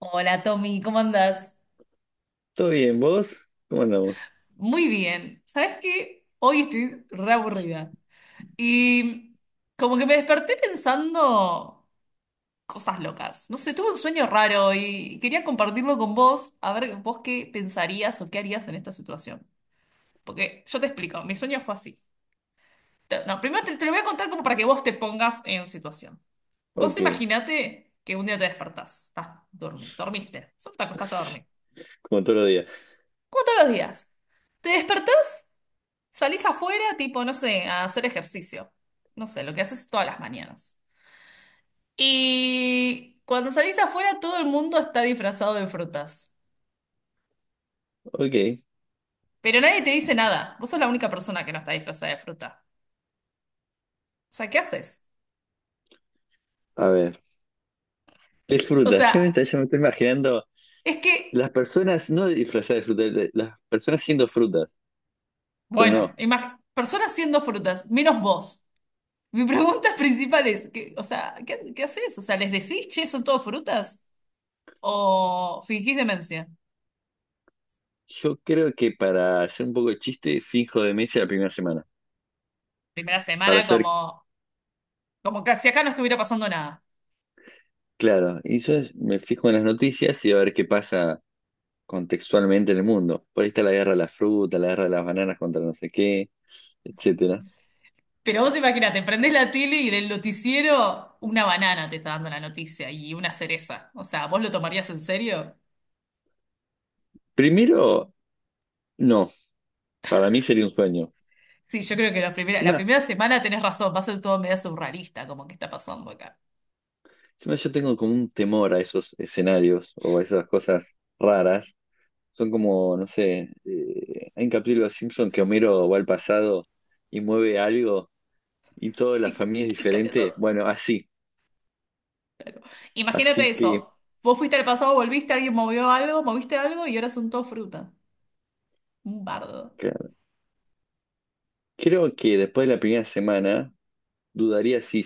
Hola Tommy, ¿cómo andás? ¿Todo bien? ¿Vos? ¿Cómo andamos? Muy bien. ¿Sabes qué? Hoy estoy re aburrida. Y como que me desperté pensando cosas locas. No sé, tuve un sueño raro y quería compartirlo con vos, a ver vos qué pensarías o qué harías en esta situación. Porque yo te explico, mi sueño fue así. No, primero te lo voy a contar como para que vos te pongas en situación. Vos Ok. imaginate que un día te despertás, estás dormiste, solo te acostaste a dormir. Como todos los días. Como todos los días. ¿Te despertás? Salís afuera, tipo, no sé, a hacer ejercicio. No sé, lo que haces todas las mañanas. Y cuando salís afuera, todo el mundo está disfrazado de frutas. Ok. Pero nadie te dice nada. Vos sos la única persona que no está disfrazada de fruta. O sea, ¿qué haces? A ver. Es O fruta. sea, Yo me estoy imaginando es que, las personas, no disfrazadas de fruta, las personas siendo frutas. Pero bueno, no. Personas siendo frutas, menos vos. Mi pregunta principal es, ¿qué, o sea, ¿qué, qué haces? O sea, ¿les decís, che, son todos frutas? ¿O fingís demencia? Yo creo que para hacer un poco de chiste, finjo demencia la primera semana. Primera Para semana ser como, como que si acá no estuviera pasando nada. claro. Y yo me fijo en las noticias y a ver qué pasa contextualmente en el mundo. Por ahí está la guerra de las frutas, la guerra de las bananas contra no sé qué, etcétera. Pero vos imagínate, prendés la tele y del noticiero una banana te está dando la noticia y una cereza. O sea, ¿vos lo tomarías en serio? Primero, no. Para mí sería un sueño. Sí, yo creo que la Encima. primera semana tenés razón, va a ser todo medio surrealista, como que está pasando acá. Encima, yo tengo como un temor a esos escenarios o a esas cosas raras. Son como, no sé, hay un capítulo de Los Simpson que Homero va al pasado y mueve algo y toda la Y, familia es y cambia diferente. todo. Bueno, así. Imagínate Así que eso. Vos fuiste al pasado, volviste, alguien movió algo, moviste algo y ahora son todo fruta. Un bardo. claro, creo que después de la primera semana dudaría si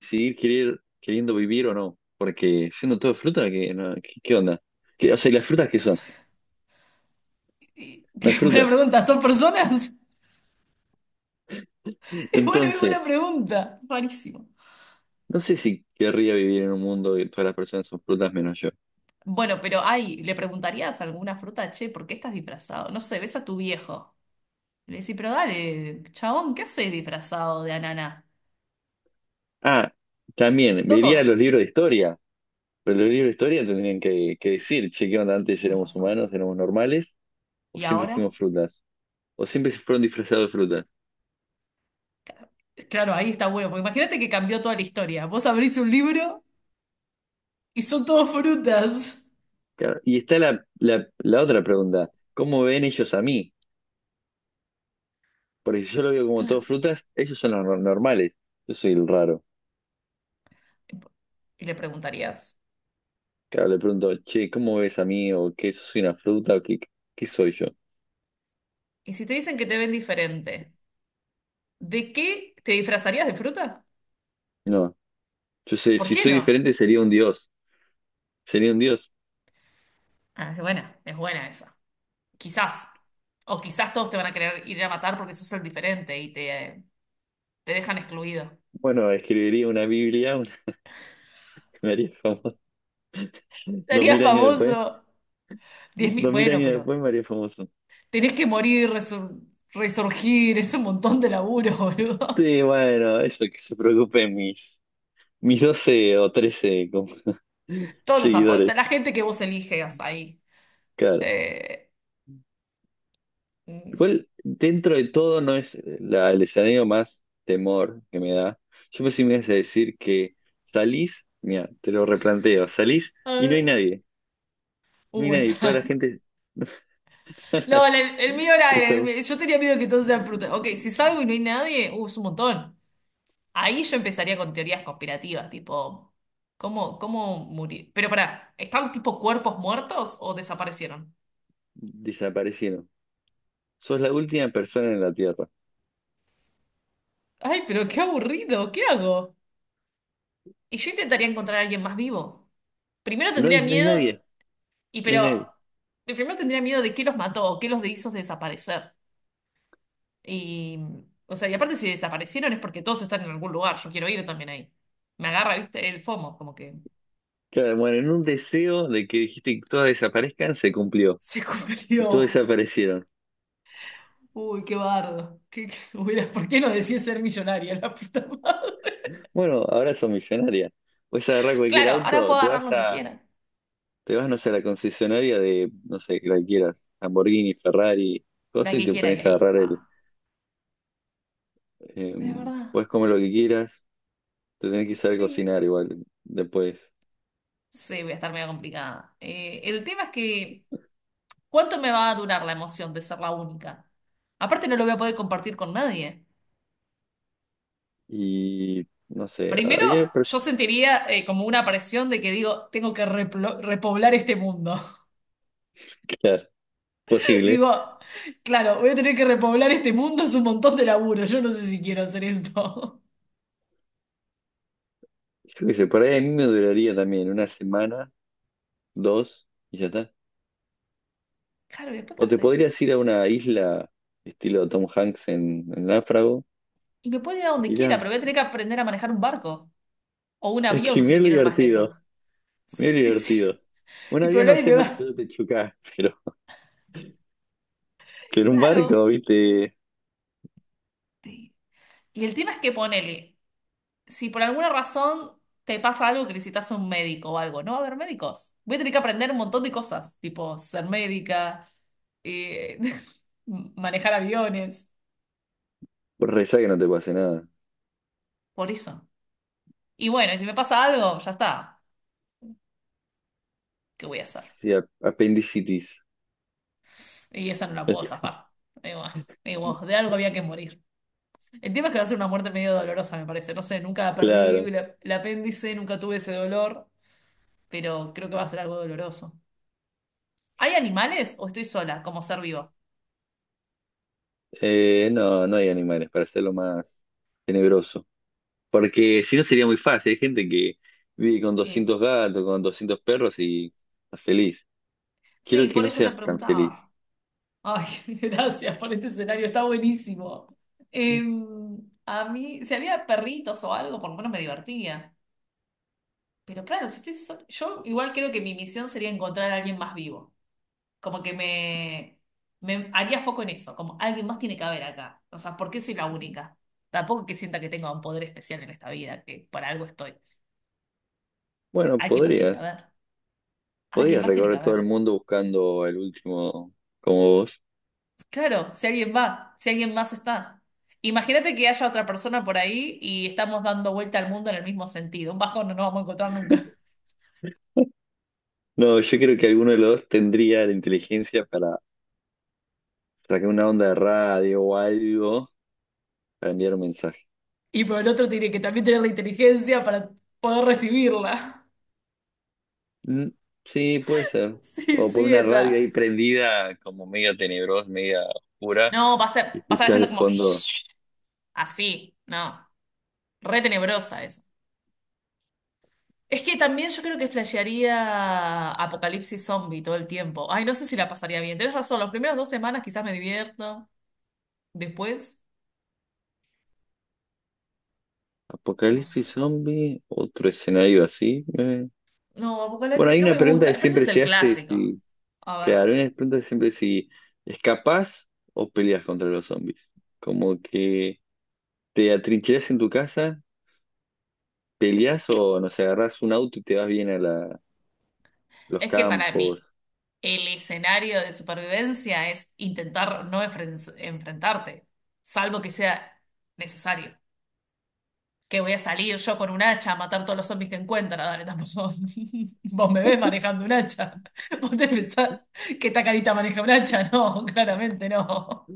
queriendo vivir o no. Porque siendo todo fruta, ¿qué, no, qué, qué onda? O sea, ¿y las frutas qué No son? sé. Y No hay buena frutas. pregunta, ¿son personas? Es buena Entonces, pregunta. Rarísimo. no sé si querría vivir en un mundo donde todas las personas son frutas menos yo. Bueno, pero ay, le preguntarías alguna fruta, che, ¿por qué estás disfrazado? No sé, ves a tu viejo. Le decís, pero dale, chabón, ¿qué haces disfrazado de ananá? Ah, también, vería Todos. los libros de historia. Pero los libros de historia tendrían que decir, che, ¿qué onda? ¿Antes Tienes éramos razón. humanos, éramos normales, o ¿Y siempre ahora? fuimos frutas, o siempre fueron disfrazados de frutas? Claro, ahí está bueno, porque imagínate que cambió toda la historia. Vos abrís un libro y son todos frutas. Claro, y está la otra pregunta, ¿cómo ven ellos a mí? Porque si yo lo veo como todos Claro. frutas, ellos son los normales, yo soy el raro. Y le preguntarías, Claro, le pregunto, che, ¿cómo ves a mí? ¿O qué? ¿Soy una fruta? ¿O qué, qué soy yo? ¿y si te dicen que te ven diferente, ¿de qué te disfrazarías de fruta? No, yo sé, ¿Por si qué soy no? diferente sería un dios, sería un dios. Ah, es buena esa. Quizás. O quizás todos te van a querer ir a matar porque sos el diferente te dejan excluido. Bueno, escribiría una Biblia, una, me haría famoso. Dos Sería mil años después, famoso. 10.000. dos mil Bueno, años pero después me haría famoso. tenés que morir, resurgir, es un montón de laburo, boludo. Sí, bueno, eso que se preocupen mis 12 o 13 como Todos los apodos, seguidores, la gente que vos eliges ahí. claro. Eh, mm, Igual, dentro de todo, no es el escenario más temor que me da. Yo pensé que me ibas a decir que salís, mira, te lo replanteo, salís a y no hay ver. nadie, no hay nadie, toda Esa. la gente No, el mío era, desa- yo tenía miedo que todos sean frutas. Ok, si salgo y no hay nadie, es un montón. Ahí yo empezaría con teorías conspirativas, tipo, ¿cómo, cómo murió? Pero pará, ¿están tipo cuerpos muertos o desaparecieron? desaparecieron. Sos la última persona en la Tierra. Ay, pero qué aburrido, ¿qué hago? Y yo intentaría encontrar a alguien más vivo. Primero No tendría hay, no hay miedo, nadie, y no hay pero, nadie. primero tendría miedo de qué los mató o qué los hizo desaparecer. Y, o sea, y aparte si desaparecieron es porque todos están en algún lugar, yo quiero ir también ahí. Me agarra, viste, el FOMO, como que Claro, bueno, en un deseo de que dijiste que todas desaparezcan, se cumplió. se Y todos cumplió. desaparecieron. Uy, qué bardo. ¿Por qué no decía ser millonaria la puta madre? Bueno, ahora sos millonaria. Puedes agarrar cualquier Claro, ahora auto, puedo agarrar lo que quiera. te vas, no sé, a la concesionaria de, no sé, cualquiera, Lamborghini, Ferrari, La cosas, y que te quiera y pones a ahí, agarrar el. pa. Es verdad. Puedes comer lo que quieras, te tenés que saber Sí, cocinar igual después. sí, voy a estar medio complicada. El tema es que, ¿cuánto me va a durar la emoción de ser la única? Aparte, no lo voy a poder compartir con nadie. Y, no sé, Primero, yo sentiría como una presión de que digo, tengo que repoblar este mundo. claro, posible. Digo, claro, voy a tener que repoblar este mundo, es un montón de laburo. Yo no sé si quiero hacer esto. Yo qué sé, por ahí a mí me duraría también una semana, dos, y ya está. Claro, ¿y después qué O te haces? podrías ir a una isla estilo Tom Hanks en Náufrago. Y me puedo ir a donde quiera, Mirá, pero voy a tener que aprender a manejar un barco o un es avión que si me mirá lo quiero ir más lejos. divertido, mirá lo Sí, sí. divertido. Un Y pero avión no nadie sé me porque si va. no te chocás, pero un barco, Claro. viste, Sí. Y el tema es que ponele, si por alguna razón te pasa algo que necesitas un médico o algo, no va a haber médicos. Voy a tener que aprender un montón de cosas, tipo ser médica, eh, manejar aviones, vos rezá que no te pase nada. por eso. Y bueno, y si me pasa algo, ya está. ¿Qué voy a hacer? Sí, apendicitis. Y esa no la puedo zafar. Digo, digo, de algo había que morir. El tema es que va a ser una muerte medio dolorosa, me parece. No sé, nunca perdí Claro. El apéndice, nunca tuve ese dolor, pero creo que va a ser algo doloroso. ¿Hay animales o estoy sola como ser vivo? No, no hay animales para hacerlo más tenebroso. Porque si no sería muy fácil. Hay gente que vive con Eh, 200 gatos, con 200 perros y está feliz. sí, Quiero que por no eso te seas tan preguntaba. feliz. Ay, gracias por este escenario, está buenísimo. Eh, a mí, si había perritos o algo, por lo menos me divertía. Pero claro, si estoy sola, yo igual creo que mi misión sería encontrar a alguien más vivo. Como que me, me haría foco en eso, como alguien más tiene que haber acá. O sea, ¿por qué soy la única? Tampoco que sienta que tenga un poder especial en esta vida, que para algo estoy. Bueno, Alguien más tiene que podrías. haber. Alguien Podrías más tiene que recorrer todo haber. el mundo buscando el último como vos. Claro, si alguien va, si alguien más está. Imagínate que haya otra persona por ahí y estamos dando vuelta al mundo en el mismo sentido. Un bajón no nos vamos a encontrar nunca. No, yo creo que alguno de los dos tendría la inteligencia para sacar una onda de radio o algo para enviar un mensaje. Y por el otro tiene que también tener la inteligencia para poder recibirla. Mm, sí, puede ser. Sí, O poner sí, una radio esa. ahí prendida, como media tenebrosa, media oscura, No, va a ser, va y a estar escuchar de haciendo como fondo. shhh, así, no. Re tenebrosa esa. Es que también yo creo que flashearía apocalipsis zombie todo el tiempo. Ay, no sé si la pasaría bien. Tenés razón, las primeras 2 semanas quizás me divierto. Después, no Apocalipsis sé. Zombie, otro escenario así. No, Bueno, apocalipsis hay no una me pregunta gusta. que Pero ese siempre es el se hace, clásico. si, A ver. claro, hay una pregunta que siempre si escapás o peleas contra los zombies. Como que ¿te atrincherás en tu casa, peleás Es, o nos agarrás un auto y te vas bien a los es que para campos? mí, el escenario de supervivencia es intentar no enfrentarte, salvo que sea necesario. Que voy a salir yo con un hacha a matar todos los zombies que encuentra. Dale, tampoco. Vos me ves manejando un hacha. Vos te pensás que esta carita maneja un hacha. No, claramente no.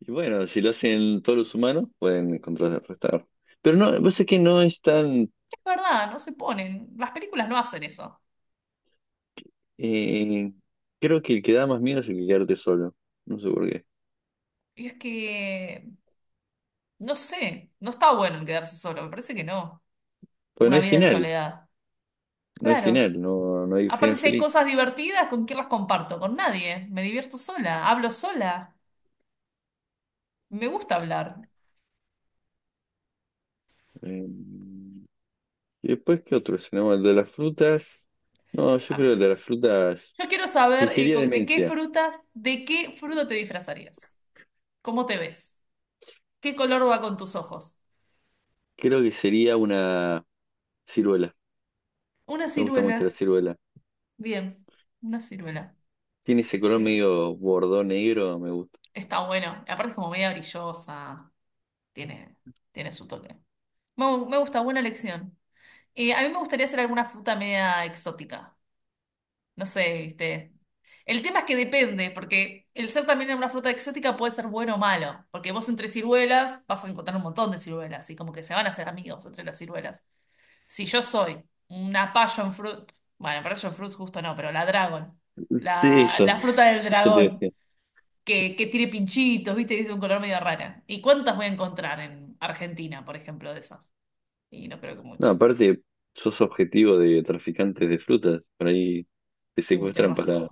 Y bueno, si lo hacen todos los humanos, pueden contrarrestar. Pero no, vos sé que no es tan... Es verdad, no se ponen. Las películas no hacen eso. eh, creo que el que da más miedo es el que quedarte solo. No sé por qué. Y es que, no sé, no está bueno el quedarse solo. Me parece que no. Pues Una vida en soledad. no hay Claro. final, no, no hay Aparte, final si hay feliz. cosas divertidas, ¿con quién las comparto? Con nadie. Me divierto sola, hablo sola. Me gusta hablar. Eh, y después, ¿qué otro escenario? El de las frutas. No, yo creo que el de las frutas... Yo quiero saber Fingiría de qué demencia. frutas, de qué fruta te disfrazarías. ¿Cómo te ves? ¿Qué color va con tus ojos? Creo que sería una ciruela. Una Me gusta mucho la ciruela. ciruela. Bien, una ciruela. Tiene ese color Eh, medio bordón negro, me gusta. está bueno. Aparte es como media brillosa. Tiene, tiene su toque. Me gusta, buena elección. A mí me gustaría hacer alguna fruta media exótica. No sé, viste. El tema es que depende, porque el ser también una fruta exótica puede ser bueno o malo, porque vos entre ciruelas vas a encontrar un montón de ciruelas, y como que se van a hacer amigos entre las ciruelas. Si yo soy una passion fruit, bueno, passion fruit justo no, pero la dragon, Sí, la, eso, la fruta del ya te dragón, decía. que tiene pinchitos, viste, y es de un color medio rara. ¿Y cuántas voy a encontrar en Argentina, por ejemplo, de esas? Y no creo que No, mucho. aparte, sos objetivo de traficantes de frutas. Por ahí te Uy, tenés secuestran razón. para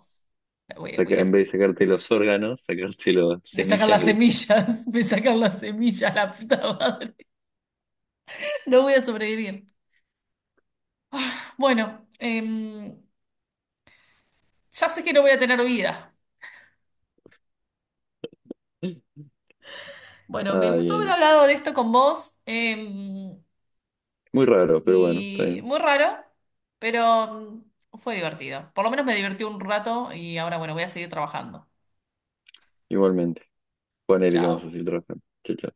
Voy, voy sacar, en a- vez de sacarte los órganos, sacarte las Me sacan semillas las de. semillas, me sacan las semillas, la puta madre. No voy a sobrevivir. Bueno, ya sé que no voy a tener vida. Bueno, me Ay, gustó haber ay. hablado de esto con vos. Muy raro, pero bueno, está Y bien. muy raro, pero fue divertido. Por lo menos me divertí un rato y ahora, bueno, voy a seguir trabajando. Igualmente. Ponele que vamos a Chao. hacer trabajar. Chao, chao.